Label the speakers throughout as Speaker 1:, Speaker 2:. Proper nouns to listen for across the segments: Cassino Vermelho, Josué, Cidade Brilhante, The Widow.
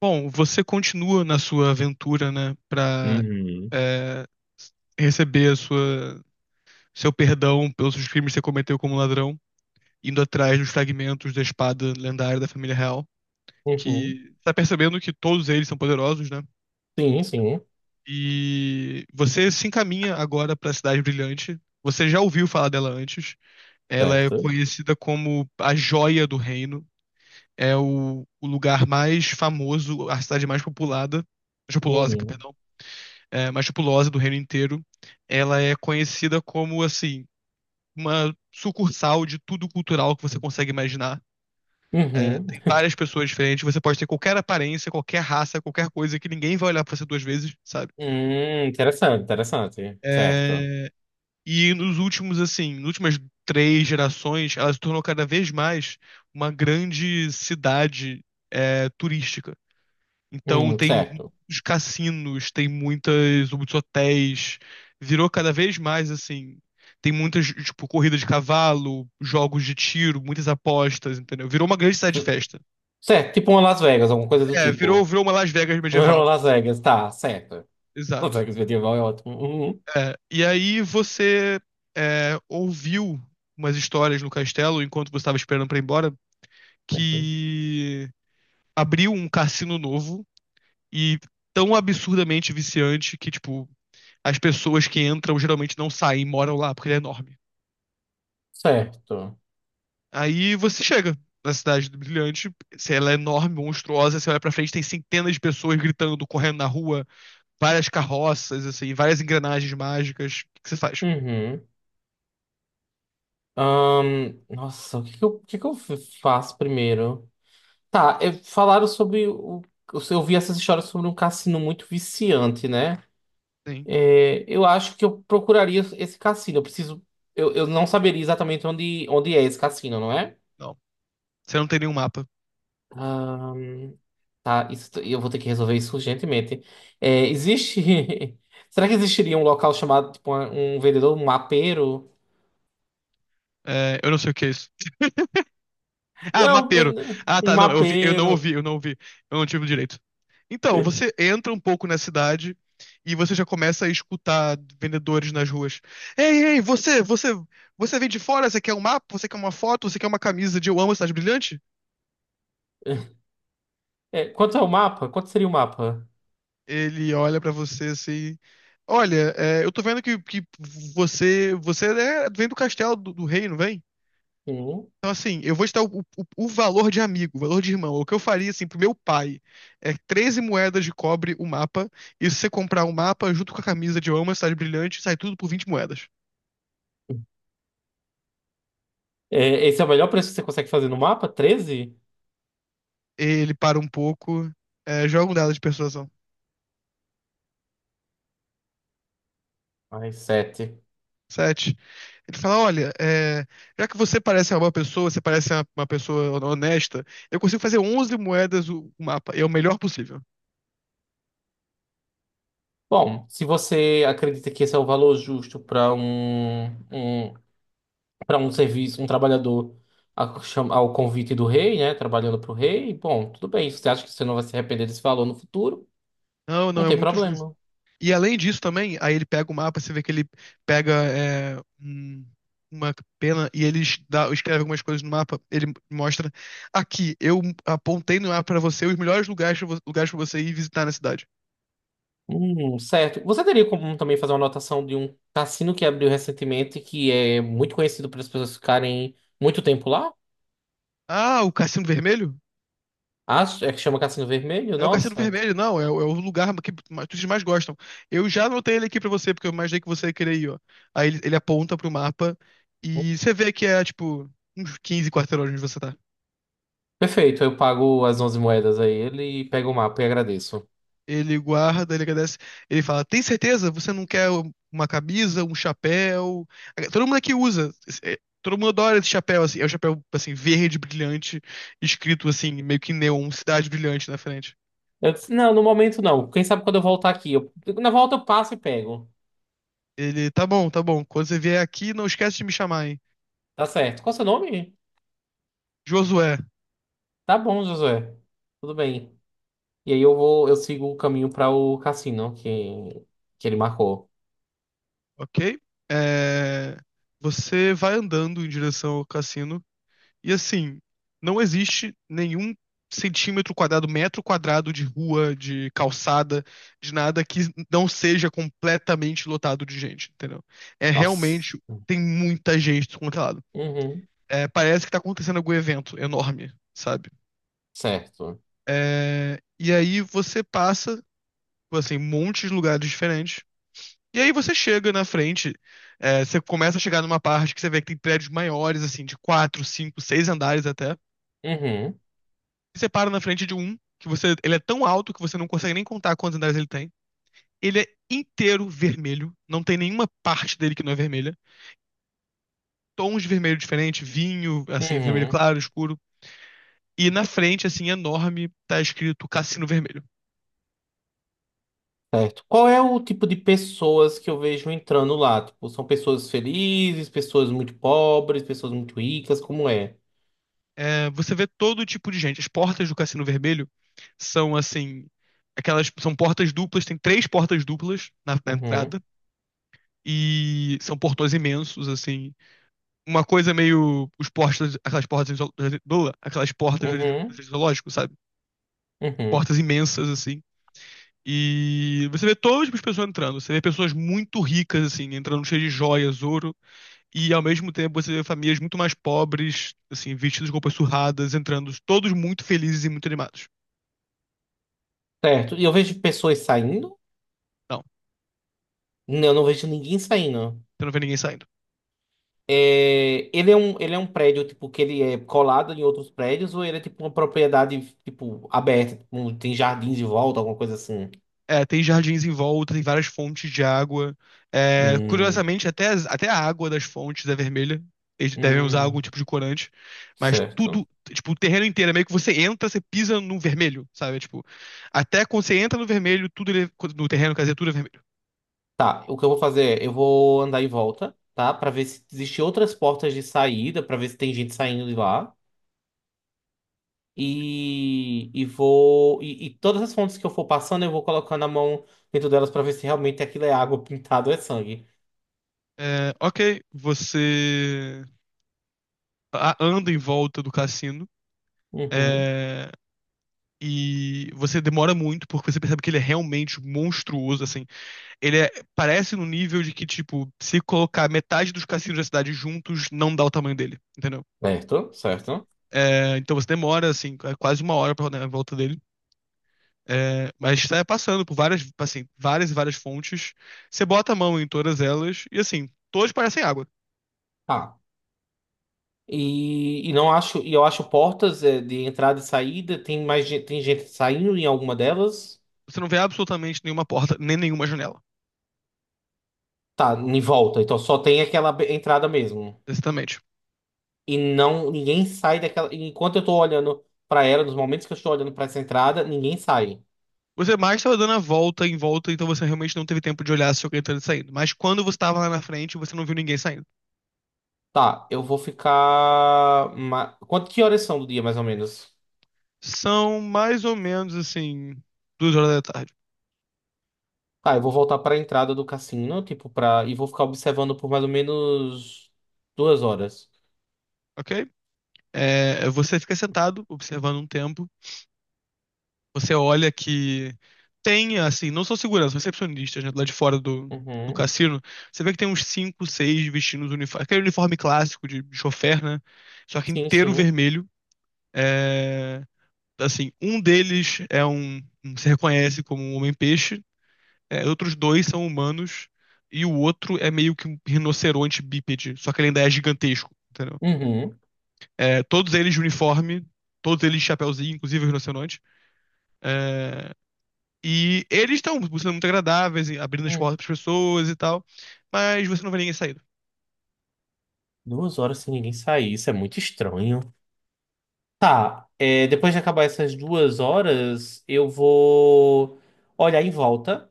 Speaker 1: Bom, você continua na sua aventura, né, pra
Speaker 2: Uhum.
Speaker 1: é, receber a sua, seu perdão pelos seus crimes que você cometeu como ladrão, indo atrás dos fragmentos da espada lendária da família real,
Speaker 2: Uhum.
Speaker 1: que tá percebendo que todos eles são poderosos, né?
Speaker 2: Sim, sim.
Speaker 1: E você se encaminha agora pra Cidade Brilhante. Você já ouviu falar dela antes. Ela é
Speaker 2: Certo.
Speaker 1: conhecida como a Joia do Reino. É o lugar mais famoso, a cidade mais populada, populosa,
Speaker 2: Uhum.
Speaker 1: perdão, mas tipulose do reino inteiro. Ela é conhecida como, assim, uma sucursal de tudo cultural que você consegue imaginar.
Speaker 2: Uhum.
Speaker 1: Tem várias pessoas diferentes, você pode ter qualquer aparência, qualquer raça, qualquer coisa que ninguém vai olhar pra você duas vezes, sabe?
Speaker 2: Interessante, interessante. Certo.
Speaker 1: É, e nos últimos, assim, nas últimas 3 gerações, ela se tornou cada vez mais uma grande cidade, turística. Então tem
Speaker 2: Certo.
Speaker 1: os cassinos, tem muitas, muitos hotéis. Virou cada vez mais assim. Tem muitas, tipo, corrida de cavalo, jogos de tiro, muitas apostas, entendeu? Virou uma grande cidade de
Speaker 2: C-
Speaker 1: festa.
Speaker 2: Certo, tipo uma Las Vegas, alguma coisa do
Speaker 1: É, virou,
Speaker 2: tipo.
Speaker 1: virou uma Las Vegas
Speaker 2: Uma
Speaker 1: medieval.
Speaker 2: Las Vegas, tá, certo. Las
Speaker 1: Exato.
Speaker 2: Vegas medieval é ótimo. Uhum.
Speaker 1: É, e aí você ouviu umas histórias no castelo, enquanto você estava esperando pra ir embora,
Speaker 2: Certo.
Speaker 1: que abriu um cassino novo e tão absurdamente viciante que, tipo, as pessoas que entram geralmente não saem e moram lá, porque ele é enorme.
Speaker 2: Certo.
Speaker 1: Aí você chega na cidade do Brilhante, se ela é enorme, monstruosa, você olha pra frente, tem centenas de pessoas gritando, correndo na rua, várias carroças, assim, várias engrenagens mágicas. O que que você faz?
Speaker 2: Uhum. Nossa, o que que eu faço primeiro? Tá, é, falaram sobre eu vi essas histórias sobre um cassino muito viciante, né?
Speaker 1: Sim.
Speaker 2: É, eu acho que eu procuraria esse cassino. Eu preciso. Eu não saberia exatamente onde é esse cassino, não é?
Speaker 1: Não. Você não tem nenhum mapa.
Speaker 2: Ah, tá, isso, eu vou ter que resolver isso urgentemente. É, existe. Será que existiria um local chamado, tipo, um vendedor, um mapeiro?
Speaker 1: É, eu não sei o que é isso. Ah,
Speaker 2: Não,
Speaker 1: mapeiro. Ah,
Speaker 2: um
Speaker 1: tá. Não, eu vi,
Speaker 2: mapeiro.
Speaker 1: eu não ouvi. Eu não tive direito. Então, você entra um pouco na cidade e você já começa a escutar vendedores nas ruas. Ei, ei, você vem de fora? Você quer um mapa? Você quer uma foto? Você quer uma camisa de Eu Amo a Cidade Brilhante?
Speaker 2: É, quanto é o mapa? Quanto seria o mapa?
Speaker 1: Ele olha pra você assim. Olha, eu tô vendo que você vem do castelo do rei, não vem?
Speaker 2: Hum.
Speaker 1: Então, assim, eu vou te dar o o- valor de amigo, o valor de irmão. O que eu faria, assim, pro meu pai é 13 moedas de cobre o mapa. E se você comprar o mapa junto com a camisa de Eu Amo a Cidade Brilhante, sai tudo por 20 moedas.
Speaker 2: É, esse é o melhor preço que você consegue fazer no mapa? 13.
Speaker 1: Ele para um pouco, joga um dado de persuasão.
Speaker 2: Mais 7.
Speaker 1: Sete. Ele fala: olha, já que você parece uma boa pessoa, você parece uma pessoa honesta, eu consigo fazer 11 moedas o mapa. E é o melhor possível.
Speaker 2: Bom, se você acredita que esse é o valor justo para um serviço, um trabalhador ao convite do rei, né? Trabalhando para o rei, bom, tudo bem. Se você acha que você não vai se arrepender desse valor no futuro,
Speaker 1: Não, não,
Speaker 2: não
Speaker 1: é
Speaker 2: tem
Speaker 1: muito justo.
Speaker 2: problema.
Speaker 1: E além disso também, aí ele pega o mapa, você vê que ele pega, uma pena, e ele escreve algumas coisas no mapa. Ele mostra: aqui, eu apontei no mapa pra você os melhores lugares pra lugares para você ir visitar na cidade.
Speaker 2: Certo. Você teria como também fazer uma anotação de um cassino que abriu recentemente, que é muito conhecido pelas pessoas ficarem muito tempo lá?
Speaker 1: Ah, o Cassino Vermelho?
Speaker 2: Acho, é que chama Cassino Vermelho,
Speaker 1: É o Cassino
Speaker 2: nossa.
Speaker 1: Vermelho. Não, é o lugar que que vocês mais gostam. Eu já anotei ele aqui pra você, porque eu imaginei que você ia querer ir, ó. Aí ele, aponta pro mapa e você vê que é, tipo, uns 15 quarteirões onde você tá.
Speaker 2: Perfeito, eu pago as 11 moedas a ele e pego o mapa e agradeço.
Speaker 1: Ele guarda, ele agradece. Ele fala: tem certeza? Você não quer uma camisa, um chapéu? Todo mundo aqui usa. Todo mundo adora esse chapéu, assim. É um chapéu, assim, verde, brilhante, escrito, assim, meio que neon, Cidade Brilhante na frente.
Speaker 2: Eu disse, não, no momento não. Quem sabe quando eu voltar aqui. Eu- na volta eu passo e pego.
Speaker 1: Ele, tá bom, tá bom. Quando você vier aqui, não esquece de me chamar, hein?
Speaker 2: Tá certo. Qual é o seu nome?
Speaker 1: Josué,
Speaker 2: Tá bom, Josué. Tudo bem. E aí eu sigo o caminho para o cassino que ele marcou.
Speaker 1: ok? É, Você vai andando em direção ao cassino. E assim, não existe nenhum centímetro quadrado, metro quadrado de rua, de calçada, de nada que não seja completamente lotado de gente, entendeu? É
Speaker 2: Nossa.
Speaker 1: realmente, tem muita gente descontrolada.
Speaker 2: Uhum.
Speaker 1: É, parece que tá acontecendo algum evento enorme, sabe?
Speaker 2: Certo.
Speaker 1: É, e aí você passa, assim, um monte de lugares diferentes. E aí você chega na frente. Você começa a chegar numa parte que você vê que tem prédios maiores, assim, de quatro, cinco, seis andares até.
Speaker 2: Uhum.
Speaker 1: Você para na frente de um que você, ele é tão alto que você não consegue nem contar quantos andares ele tem. Ele é inteiro vermelho, não tem nenhuma parte dele que não é vermelha. Tons de vermelho diferente, vinho, assim, vermelho
Speaker 2: Uhum.
Speaker 1: claro, escuro. E na frente, assim, enorme, tá escrito Cassino Vermelho.
Speaker 2: Certo. Qual é o tipo de pessoas que eu vejo entrando lá? Tipo, são pessoas felizes, pessoas muito pobres, pessoas muito ricas, como é?
Speaker 1: É, você vê todo tipo de gente. As portas do Cassino Vermelho são, assim, aquelas, são portas duplas, tem 3 portas duplas na
Speaker 2: Uhum.
Speaker 1: entrada. E são portões imensos, assim, uma coisa meio os portas, aquelas portas, aquelas portas do
Speaker 2: Uhum.
Speaker 1: do zoológico, sabe?
Speaker 2: Uhum.
Speaker 1: Portas imensas assim. E você vê todo tipo de pessoa entrando. Você vê pessoas muito ricas assim, entrando cheias de joias, ouro, e ao mesmo tempo você vê famílias muito mais pobres, assim, vestidas com roupas surradas, entrando todos muito felizes e muito animados.
Speaker 2: Certo. E eu vejo pessoas saindo?
Speaker 1: Não,
Speaker 2: Não, eu não vejo ninguém saindo.
Speaker 1: você não vê ninguém saindo.
Speaker 2: É, ele é um prédio, tipo, que ele é colado em outros prédios, ou ele é tipo uma propriedade, tipo, aberta, tipo, um- tem jardins de volta, alguma coisa assim.
Speaker 1: É, tem jardins em volta, tem várias fontes de água. É,
Speaker 2: Hum,
Speaker 1: curiosamente, até até a água das fontes é vermelha. Eles devem usar algum
Speaker 2: hum,
Speaker 1: tipo de corante. Mas
Speaker 2: certo.
Speaker 1: tudo, tipo, o terreno inteiro, é meio que você entra, você pisa no vermelho, sabe? Tipo, até quando você entra no vermelho, tudo no terreno, quer dizer, tudo é vermelho.
Speaker 2: Tá, o que eu vou fazer é, eu vou andar em volta, tá? Pra ver se existem outras portas de saída, pra ver se tem gente saindo de lá. E vou. E todas as fontes que eu for passando, eu vou colocando a mão dentro delas pra ver se realmente aquilo é água pintada ou é sangue.
Speaker 1: É, ok, você anda em volta do cassino.
Speaker 2: Uhum.
Speaker 1: é, e você demora muito, porque você percebe que ele é realmente monstruoso, assim. Ele é- parece no nível de que, tipo, se colocar metade dos cassinos da cidade juntos, não dá o tamanho dele, entendeu?
Speaker 2: Certo, certo.
Speaker 1: Então você demora, assim, quase 1 hora pra rodar em volta dele. Mas você vai passando por várias, assim, várias e várias fontes. Você bota a mão em todas elas e, assim, todas parecem água.
Speaker 2: Tá. E não acho, e eu acho portas é, de entrada e saída. Tem mais gente, tem gente saindo em alguma delas?
Speaker 1: Você não vê absolutamente nenhuma porta, nem nenhuma janela,
Speaker 2: Tá, em volta. Então só tem aquela entrada mesmo.
Speaker 1: exatamente.
Speaker 2: E não, ninguém sai daquela. Enquanto eu tô olhando pra ela, nos momentos que eu estou olhando pra essa entrada, ninguém sai.
Speaker 1: Você mais estava dando a volta em volta, então você realmente não teve tempo de olhar se alguém estava saindo. Mas quando você estava lá na frente, você não viu ninguém saindo.
Speaker 2: Tá, eu vou ficar. Quanto que horas são do dia, mais ou menos?
Speaker 1: São mais ou menos, assim, 2h da tarde.
Speaker 2: Tá, eu vou voltar pra entrada do cassino, tipo, pra. E vou ficar observando por mais ou menos duas horas.
Speaker 1: Ok? Você fica sentado, observando um tempo. Você olha que tem, assim, não são seguranças, recepcionistas, né, lá de fora do
Speaker 2: Uhum.
Speaker 1: cassino. Você vê que tem uns cinco, seis vestindo os uniformes. Aquele uniforme clássico de chofer, né? Só que
Speaker 2: Sim,
Speaker 1: inteiro
Speaker 2: sim.
Speaker 1: vermelho. É, assim, um deles se reconhece como um homem-peixe. Outros dois são humanos. E o outro é meio que um rinoceronte bípede, só que ele ainda é gigantesco, entendeu?
Speaker 2: Uhum.
Speaker 1: É, todos eles de uniforme, todos eles de chapéuzinho, inclusive os rinocerontes. É, e eles estão sendo muito agradáveis, abrindo as
Speaker 2: Uhum.
Speaker 1: portas para as pessoas e tal, mas você não vê ninguém saindo.
Speaker 2: Duas horas sem ninguém sair, isso é muito estranho. Tá, é, depois de acabar essas duas horas, eu vou olhar em volta.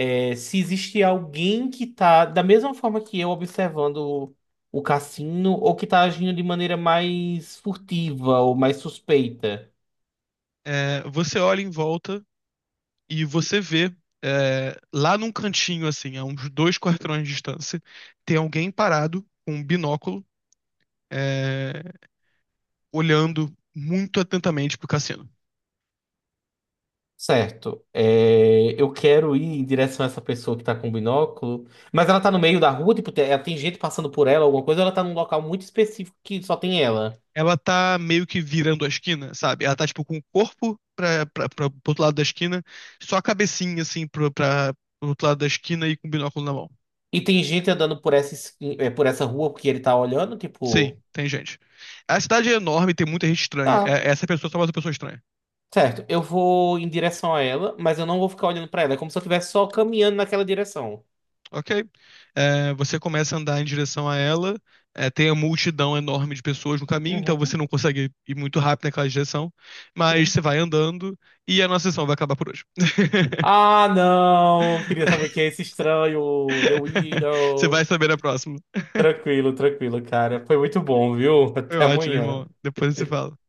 Speaker 2: É, se existe alguém que tá, da mesma forma que eu, observando o cassino, ou que tá agindo de maneira mais furtiva ou mais suspeita.
Speaker 1: É, você olha em volta e você vê lá num cantinho, assim, a uns 2 quarteirões de distância, tem alguém parado com um binóculo, é, olhando muito atentamente pro cassino.
Speaker 2: Certo. É, eu quero ir em direção a essa pessoa que tá com o binóculo. Mas ela tá no meio da rua, tipo, ela tem gente passando por ela, alguma coisa, ou ela tá num local muito específico que só tem ela.
Speaker 1: Ela tá meio que virando a esquina, sabe? Ela tá, tipo, com o corpo pro outro lado da esquina, só a cabecinha, assim, pro outro lado da esquina e com o binóculo na mão.
Speaker 2: E tem gente andando por essa, por essa rua porque ele tá olhando,
Speaker 1: Sim,
Speaker 2: tipo,
Speaker 1: tem gente. A cidade é enorme, tem muita gente estranha.
Speaker 2: tá,
Speaker 1: É, essa pessoa é só mais uma pessoa estranha.
Speaker 2: certo, eu vou em direção a ela, mas eu não vou ficar olhando pra ela. É como se eu estivesse só caminhando naquela direção.
Speaker 1: Ok? É, você começa a andar em direção a ela, tem a multidão enorme de pessoas no caminho, então você
Speaker 2: Uhum,
Speaker 1: não consegue ir muito rápido naquela direção, mas
Speaker 2: sim.
Speaker 1: você vai andando e a nossa sessão vai acabar por hoje.
Speaker 2: Ah, não! Queria saber quem é esse estranho, The
Speaker 1: Você vai
Speaker 2: Widow.
Speaker 1: saber na próxima.
Speaker 2: Tranquilo, tranquilo, cara. Foi muito bom, viu?
Speaker 1: Foi
Speaker 2: Até
Speaker 1: ótimo,
Speaker 2: amanhã.
Speaker 1: irmão. Depois se fala.